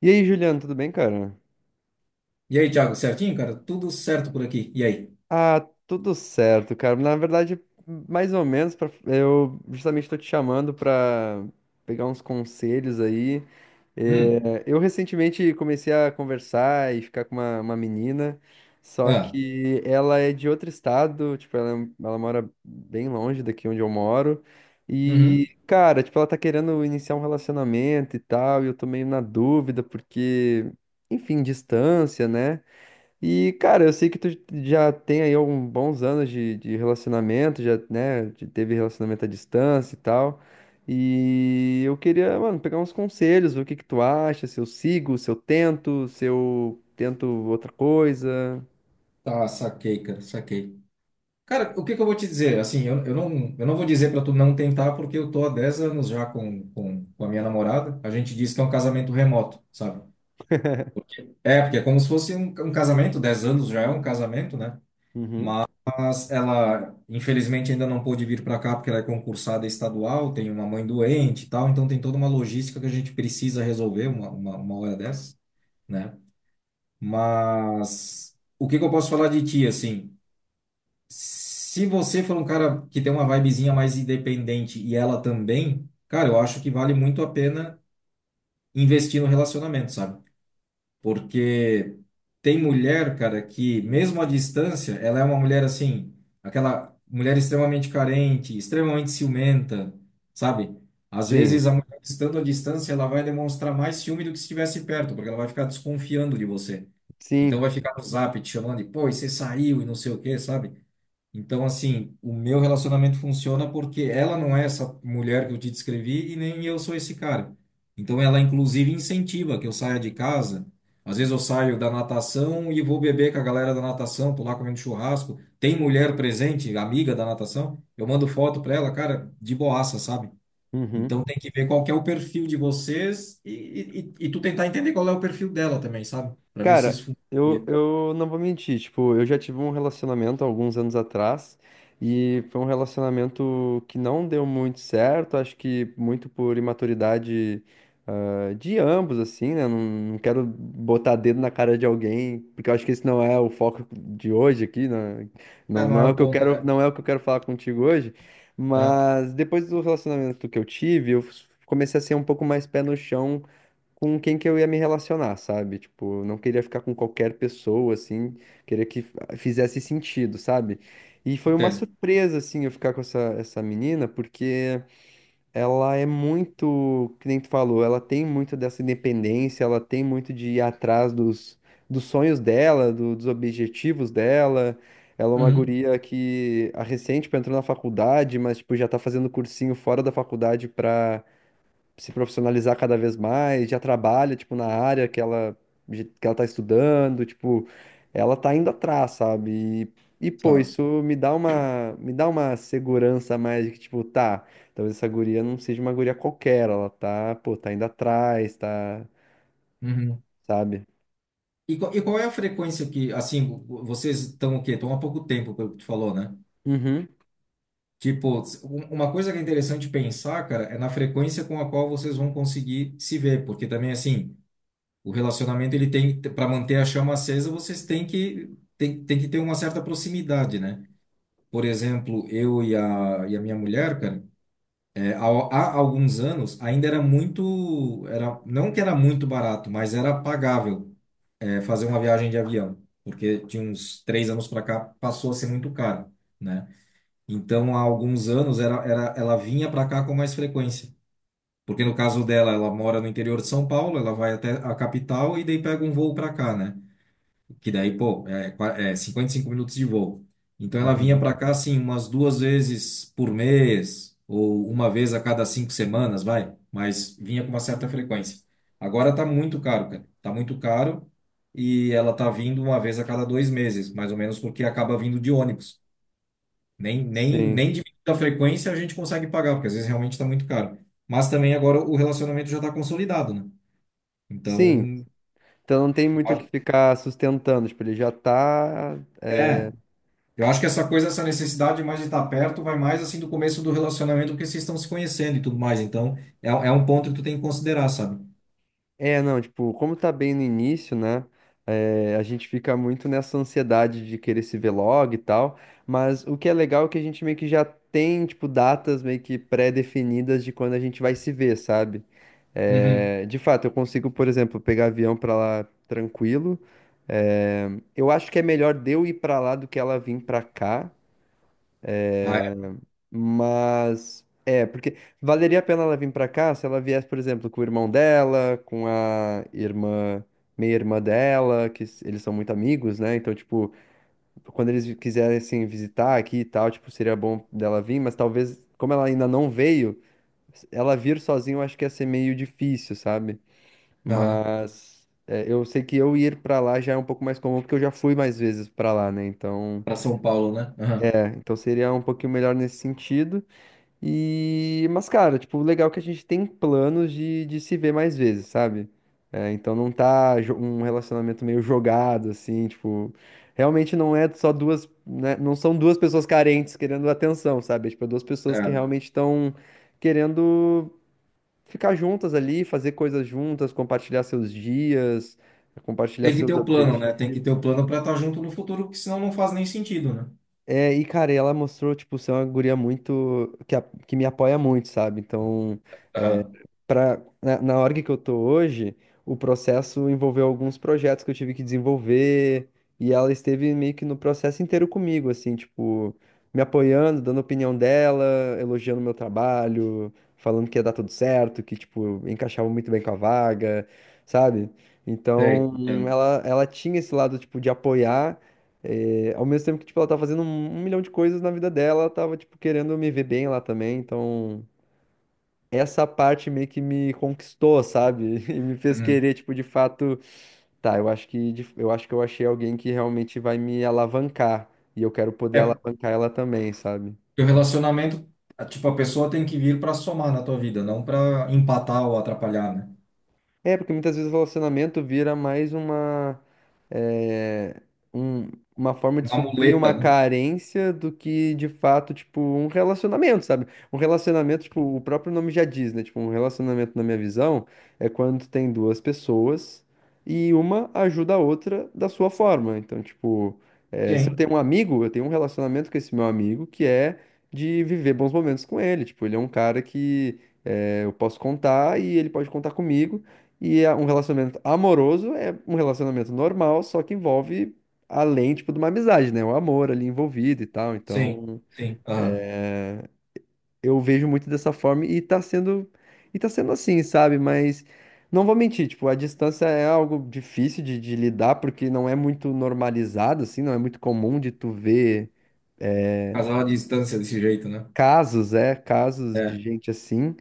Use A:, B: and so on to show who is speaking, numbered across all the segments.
A: E aí, Juliano, tudo bem, cara?
B: E aí, Thiago, certinho, cara? Tudo certo por aqui. E aí?
A: Ah, tudo certo, cara. Na verdade, mais ou menos, eu justamente tô te chamando pra pegar uns conselhos aí.
B: Hum.
A: É, eu recentemente comecei a conversar e ficar com uma menina, só
B: Ah.
A: que ela é de outro estado, tipo, ela mora bem longe daqui onde eu moro.
B: Uhum.
A: E, cara, tipo, ela tá querendo iniciar um relacionamento e tal, e eu tô meio na dúvida, porque, enfim, distância, né? E, cara, eu sei que tu já tem aí alguns bons anos de relacionamento, já, né, teve relacionamento à distância e tal. E eu queria, mano, pegar uns conselhos, ver o que que tu acha, se eu sigo, se eu tento outra coisa.
B: Tá, saquei. Cara, o que que eu vou te dizer? Assim, eu não vou dizer para tu não tentar, porque eu tô há 10 anos já com a minha namorada. A gente diz que é um casamento remoto, sabe? É, porque é como se fosse um casamento. 10 anos já é um casamento, né?
A: Uhum.
B: Mas ela, infelizmente, ainda não pôde vir para cá, porque ela é concursada estadual, tem uma mãe doente e tal, então tem toda uma logística que a gente precisa resolver uma hora dessa, né? Mas o que que eu posso falar de ti, assim? Se você for um cara que tem uma vibezinha mais independente e ela também, cara, eu acho que vale muito a pena investir no relacionamento, sabe? Porque tem mulher, cara, que mesmo à distância, ela é uma mulher assim, aquela mulher extremamente carente, extremamente ciumenta, sabe? Às
A: Sim,
B: vezes a mulher estando à distância, ela vai demonstrar mais ciúme do que se estivesse perto, porque ela vai ficar desconfiando de você. Então
A: sim.
B: vai ficar no zap te chamando e, pô, e você saiu e não sei o quê, sabe? Então, assim, o meu relacionamento funciona porque ela não é essa mulher que eu te descrevi e nem eu sou esse cara. Então ela, inclusive, incentiva que eu saia de casa. Às vezes eu saio da natação e vou beber com a galera da natação, tô lá comendo churrasco. Tem mulher presente, amiga da natação, eu mando foto pra ela, cara, de boaça, sabe? Então
A: Uhum.
B: tem que ver qual que é o perfil de vocês e tu tentar entender qual é o perfil dela também, sabe? Pra ver se
A: Cara,
B: isso
A: eu,
B: funciona.
A: eu não vou mentir, tipo, eu já tive um relacionamento há alguns anos atrás e foi um relacionamento que não deu muito certo, acho que muito por imaturidade, de ambos, assim, né? Não, não quero botar dedo na cara de alguém, porque eu acho que esse não é o foco de hoje aqui, né?
B: É,
A: Não,
B: não
A: não
B: é
A: é o
B: o
A: que eu
B: ponto,
A: quero,
B: né?
A: não é o que eu quero falar contigo hoje,
B: Tá,
A: mas depois do relacionamento que eu tive, eu comecei a ser um pouco mais pé no chão com quem que eu ia me relacionar, sabe? Tipo, eu não queria ficar com qualquer pessoa, assim, queria que fizesse sentido, sabe? E foi uma
B: entendo.
A: surpresa, assim, eu ficar com essa menina, porque ela é muito, que nem tu falou, ela tem muito dessa independência, ela tem muito de ir atrás dos sonhos dela, dos objetivos dela. Ela é uma
B: Uhum,
A: guria que a recente tipo, entrou na faculdade, mas tipo, já tá fazendo cursinho fora da faculdade se profissionalizar cada vez mais, já trabalha, tipo, na área que ela tá estudando, tipo, ela tá indo atrás, sabe? E pô,
B: claro.
A: isso me dá uma segurança a mais de que, tipo, tá, talvez essa guria não seja uma guria qualquer, ela tá, pô, tá indo atrás, tá,
B: Uhum.
A: sabe?
B: E qual- e qual é a frequência que, assim, vocês estão o quê? Estão há pouco tempo, pelo que tu falou, né?
A: Uhum.
B: Tipo, uma coisa que é interessante pensar, cara, é na frequência com a qual vocês vão conseguir se ver, porque também, assim, o relacionamento, ele tem, para manter a chama acesa, vocês têm que, tem que ter uma certa proximidade, né? Por exemplo, eu e a minha mulher, cara, é, há alguns anos ainda era muito, não que era muito barato, mas era pagável, é, fazer uma viagem de avião, porque de uns 3 anos para cá passou a ser muito caro, né? Então há alguns anos ela vinha para cá com mais frequência, porque no caso dela, ela mora no interior de São Paulo, ela vai até a capital e daí pega um voo para cá, né? Que daí, pô, é, é 55 minutos de voo. Então ela vinha
A: Uhum.
B: para cá, assim, umas 2 vezes por mês, ou uma vez a cada 5 semanas, vai. Mas vinha com uma certa frequência. Agora tá muito caro, cara. Tá muito caro e ela tá vindo uma vez a cada 2 meses, mais ou menos, porque acaba vindo de ônibus. Nem, nem,
A: Sim.
B: nem diminuindo a frequência a gente consegue pagar, porque às vezes realmente tá muito caro. Mas também agora o relacionamento já tá consolidado, né?
A: Sim.
B: Então,
A: Então não tem
B: eu
A: muito o que
B: acho-
A: ficar sustentando, tipo, ele já tá é.
B: é. Eu acho que essa coisa, essa necessidade mais de estar perto, vai mais assim do começo do relacionamento, porque vocês estão se conhecendo e tudo mais. Então, é, é um ponto que tu tem que considerar, sabe?
A: É, não, tipo, como tá bem no início, né? É, a gente fica muito nessa ansiedade de querer se ver logo e tal, mas o que é legal é que a gente meio que já tem, tipo, datas meio que pré-definidas de quando a gente vai se ver, sabe?
B: Uhum.
A: É, de fato, eu consigo, por exemplo, pegar avião pra lá tranquilo. É, eu acho que é melhor de eu ir pra lá do que ela vir pra cá.
B: Ah, é?
A: Mas é, porque valeria a pena ela vir pra cá se ela viesse, por exemplo, com o irmão dela, com a irmã, meia-irmã dela, que eles são muito amigos, né? Então, tipo, quando eles quisessem visitar aqui e tal, tipo, seria bom dela vir, mas talvez, como ela ainda não veio, ela vir sozinha eu acho que ia ser meio difícil, sabe?
B: Aham.
A: Mas é, eu sei que eu ir pra lá já é um pouco mais comum, porque eu já fui mais vezes pra lá, né? Então,
B: Para São Paulo, né? Aham.
A: é, então seria um pouquinho melhor nesse sentido. E, mas, cara, tipo, o legal é que a gente tem planos de se ver mais vezes, sabe? É, então não tá um relacionamento meio jogado, assim, tipo, realmente não é só duas, né, não são duas pessoas carentes querendo atenção, sabe? É, tipo, é duas pessoas que
B: Certo.
A: realmente estão querendo ficar juntas ali, fazer coisas juntas, compartilhar seus dias, compartilhar
B: Tem que ter
A: seus
B: o plano, né? Tem que ter
A: objetivos.
B: o plano para estar junto no futuro, porque senão não faz nem sentido, né?
A: É, e cara, ela mostrou, tipo, ser uma guria muito, que, que me apoia muito, sabe? Então, é,
B: Aham.
A: na org que eu tô hoje, o processo envolveu alguns projetos que eu tive que desenvolver, e ela esteve meio que no processo inteiro comigo, assim, tipo, me apoiando, dando a opinião dela, elogiando o meu trabalho, falando que ia dar tudo certo, que, tipo, encaixava muito bem com a vaga, sabe?
B: Sei,
A: Então,
B: entendo.
A: ela tinha esse lado, tipo, de apoiar ao mesmo tempo que, tipo, ela tá fazendo um milhão de coisas na vida dela, ela tava, tipo, querendo me ver bem lá também, então... Essa parte meio que me conquistou, sabe? E me fez
B: Uhum.
A: querer, tipo, de fato, tá, eu acho que eu achei alguém que realmente vai me alavancar e eu quero poder
B: É,
A: alavancar ela também, sabe?
B: porque o relacionamento, tipo, a pessoa tem que vir para somar na tua vida, não para empatar ou atrapalhar, né?
A: É, porque muitas vezes o relacionamento vira mais eh, um- uma forma de
B: Uma
A: suprir
B: muleta,
A: uma
B: né?
A: carência do que, de fato, tipo, um relacionamento, sabe? Um relacionamento, tipo, o próprio nome já diz, né? Tipo, um relacionamento, na minha visão, é quando tem duas pessoas e uma ajuda a outra da sua forma. Então, tipo, se eu
B: Sim,
A: tenho um amigo, eu tenho um relacionamento com esse meu amigo que é de viver bons momentos com ele. Tipo, ele é um cara que eu posso contar e ele pode contar comigo. E um relacionamento amoroso é um relacionamento normal, só que envolve além, tipo, de uma amizade, né? O amor ali envolvido e tal.
B: sim,
A: Então,
B: sim. Aham.
A: eu vejo muito dessa forma e tá sendo assim, sabe? Mas não vou mentir, tipo, a distância é algo difícil de lidar porque não é muito normalizado assim, não é muito comum de tu ver é,
B: Casal à distância desse jeito, né?
A: casos de
B: É.
A: gente assim.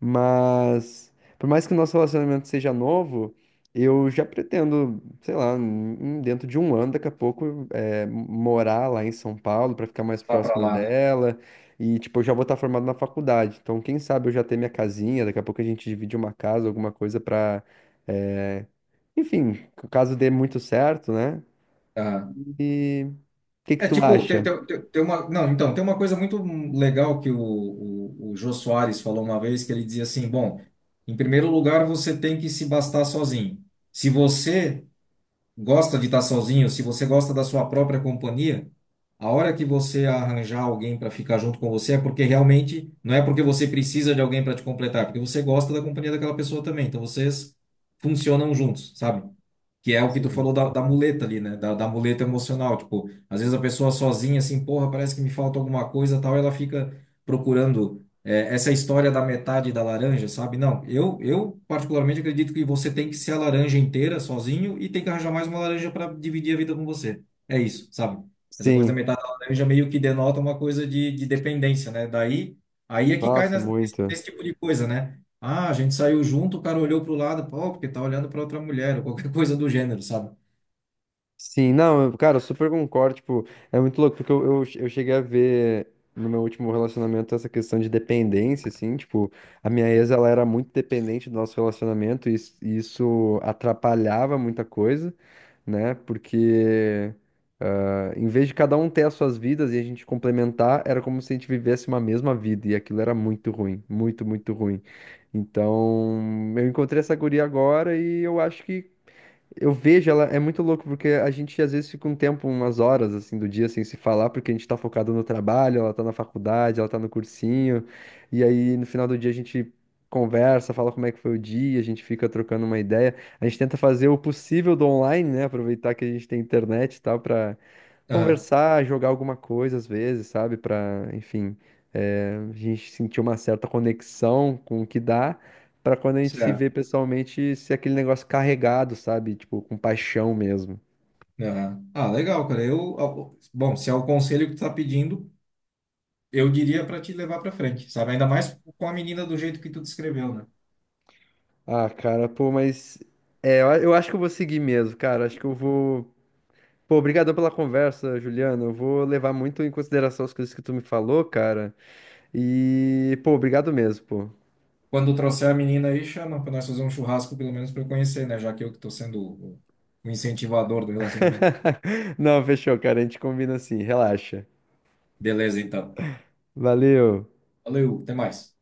A: Mas, por mais que o nosso relacionamento seja novo, eu já pretendo, sei lá, dentro de um ano, daqui a pouco, morar lá em São Paulo para ficar mais
B: Lá para
A: próxima
B: lá, né?
A: dela. E, tipo, eu já vou estar formado na faculdade. Então, quem sabe eu já ter minha casinha, daqui a pouco a gente divide uma casa, alguma coisa pra. é, Enfim, caso dê muito certo, né?
B: Aham.
A: E o que que
B: É
A: tu
B: tipo, tem,
A: acha?
B: tem, tem tem uma. Não, então, tem uma coisa muito legal que o Jô Soares falou uma vez, que ele dizia assim: bom, em primeiro lugar, você tem que se bastar sozinho. Se você gosta de estar sozinho, se você gosta da sua própria companhia, a hora que você arranjar alguém para ficar junto com você é porque realmente não é porque você precisa de alguém para te completar, é porque você gosta da companhia daquela pessoa também. Então vocês funcionam juntos, sabe? Que é o que tu
A: Sim.
B: falou da, da muleta ali, né? Da muleta emocional. Tipo, às vezes a pessoa sozinha, assim, porra, parece que me falta alguma coisa, tal, ela fica procurando é, essa história da metade da laranja, sabe? Não, eu particularmente acredito que você tem que ser a laranja inteira, sozinho, e tem que arranjar mais uma laranja para dividir a vida com você. É isso, sabe? Essa coisa da
A: Sim.
B: metade da laranja meio que denota uma coisa de dependência, né? Daí, aí é que cai
A: Nossa,
B: nesse,
A: muito.
B: nesse tipo de coisa, né? Ah, a gente saiu junto, o cara olhou pro lado, pô, porque tá olhando pra outra mulher, ou qualquer coisa do gênero, sabe?
A: Sim, não, cara, eu super concordo, tipo, é muito louco, porque eu cheguei a ver no meu último relacionamento essa questão de dependência, assim, tipo, a minha ex, ela era muito dependente do nosso relacionamento e isso atrapalhava muita coisa, né, porque em vez de cada um ter as suas vidas e a gente complementar, era como se a gente vivesse uma mesma vida e aquilo era muito ruim, muito, muito ruim. Então, eu encontrei essa guria agora e eu acho que eu vejo ela, é muito louco, porque a gente às vezes fica um tempo, umas horas assim do dia sem se falar, porque a gente tá focado no trabalho, ela tá na faculdade, ela tá no cursinho, e aí no final do dia a gente conversa, fala como é que foi o dia, a gente fica trocando uma ideia, a gente tenta fazer o possível do online, né? Aproveitar que a gente tem internet e tal, pra
B: Aham,
A: conversar, jogar alguma coisa às vezes, sabe? Pra, enfim, a gente sentir uma certa conexão com o que dá. Pra quando a gente se
B: certo.
A: vê pessoalmente, ser aquele negócio carregado, sabe? Tipo, com paixão mesmo.
B: Aham. Ah, legal, cara. Eu, ó, bom, se é o conselho que tu tá pedindo, eu diria pra te levar pra frente, sabe? Ainda mais com a menina do jeito que tu descreveu, né?
A: Ah, cara, pô, mas. É, eu acho que eu vou seguir mesmo, cara. Acho que eu vou. Pô, obrigadão pela conversa, Juliano. Eu vou levar muito em consideração as coisas que tu me falou, cara. E, pô, obrigado mesmo, pô.
B: Quando trouxer a menina aí, chama pra nós fazer um churrasco, pelo menos pra eu conhecer, né? Já que eu que tô sendo o incentivador do relacionamento.
A: Não, fechou, cara. A gente combina assim, relaxa.
B: Beleza, então.
A: Valeu.
B: Valeu, até mais.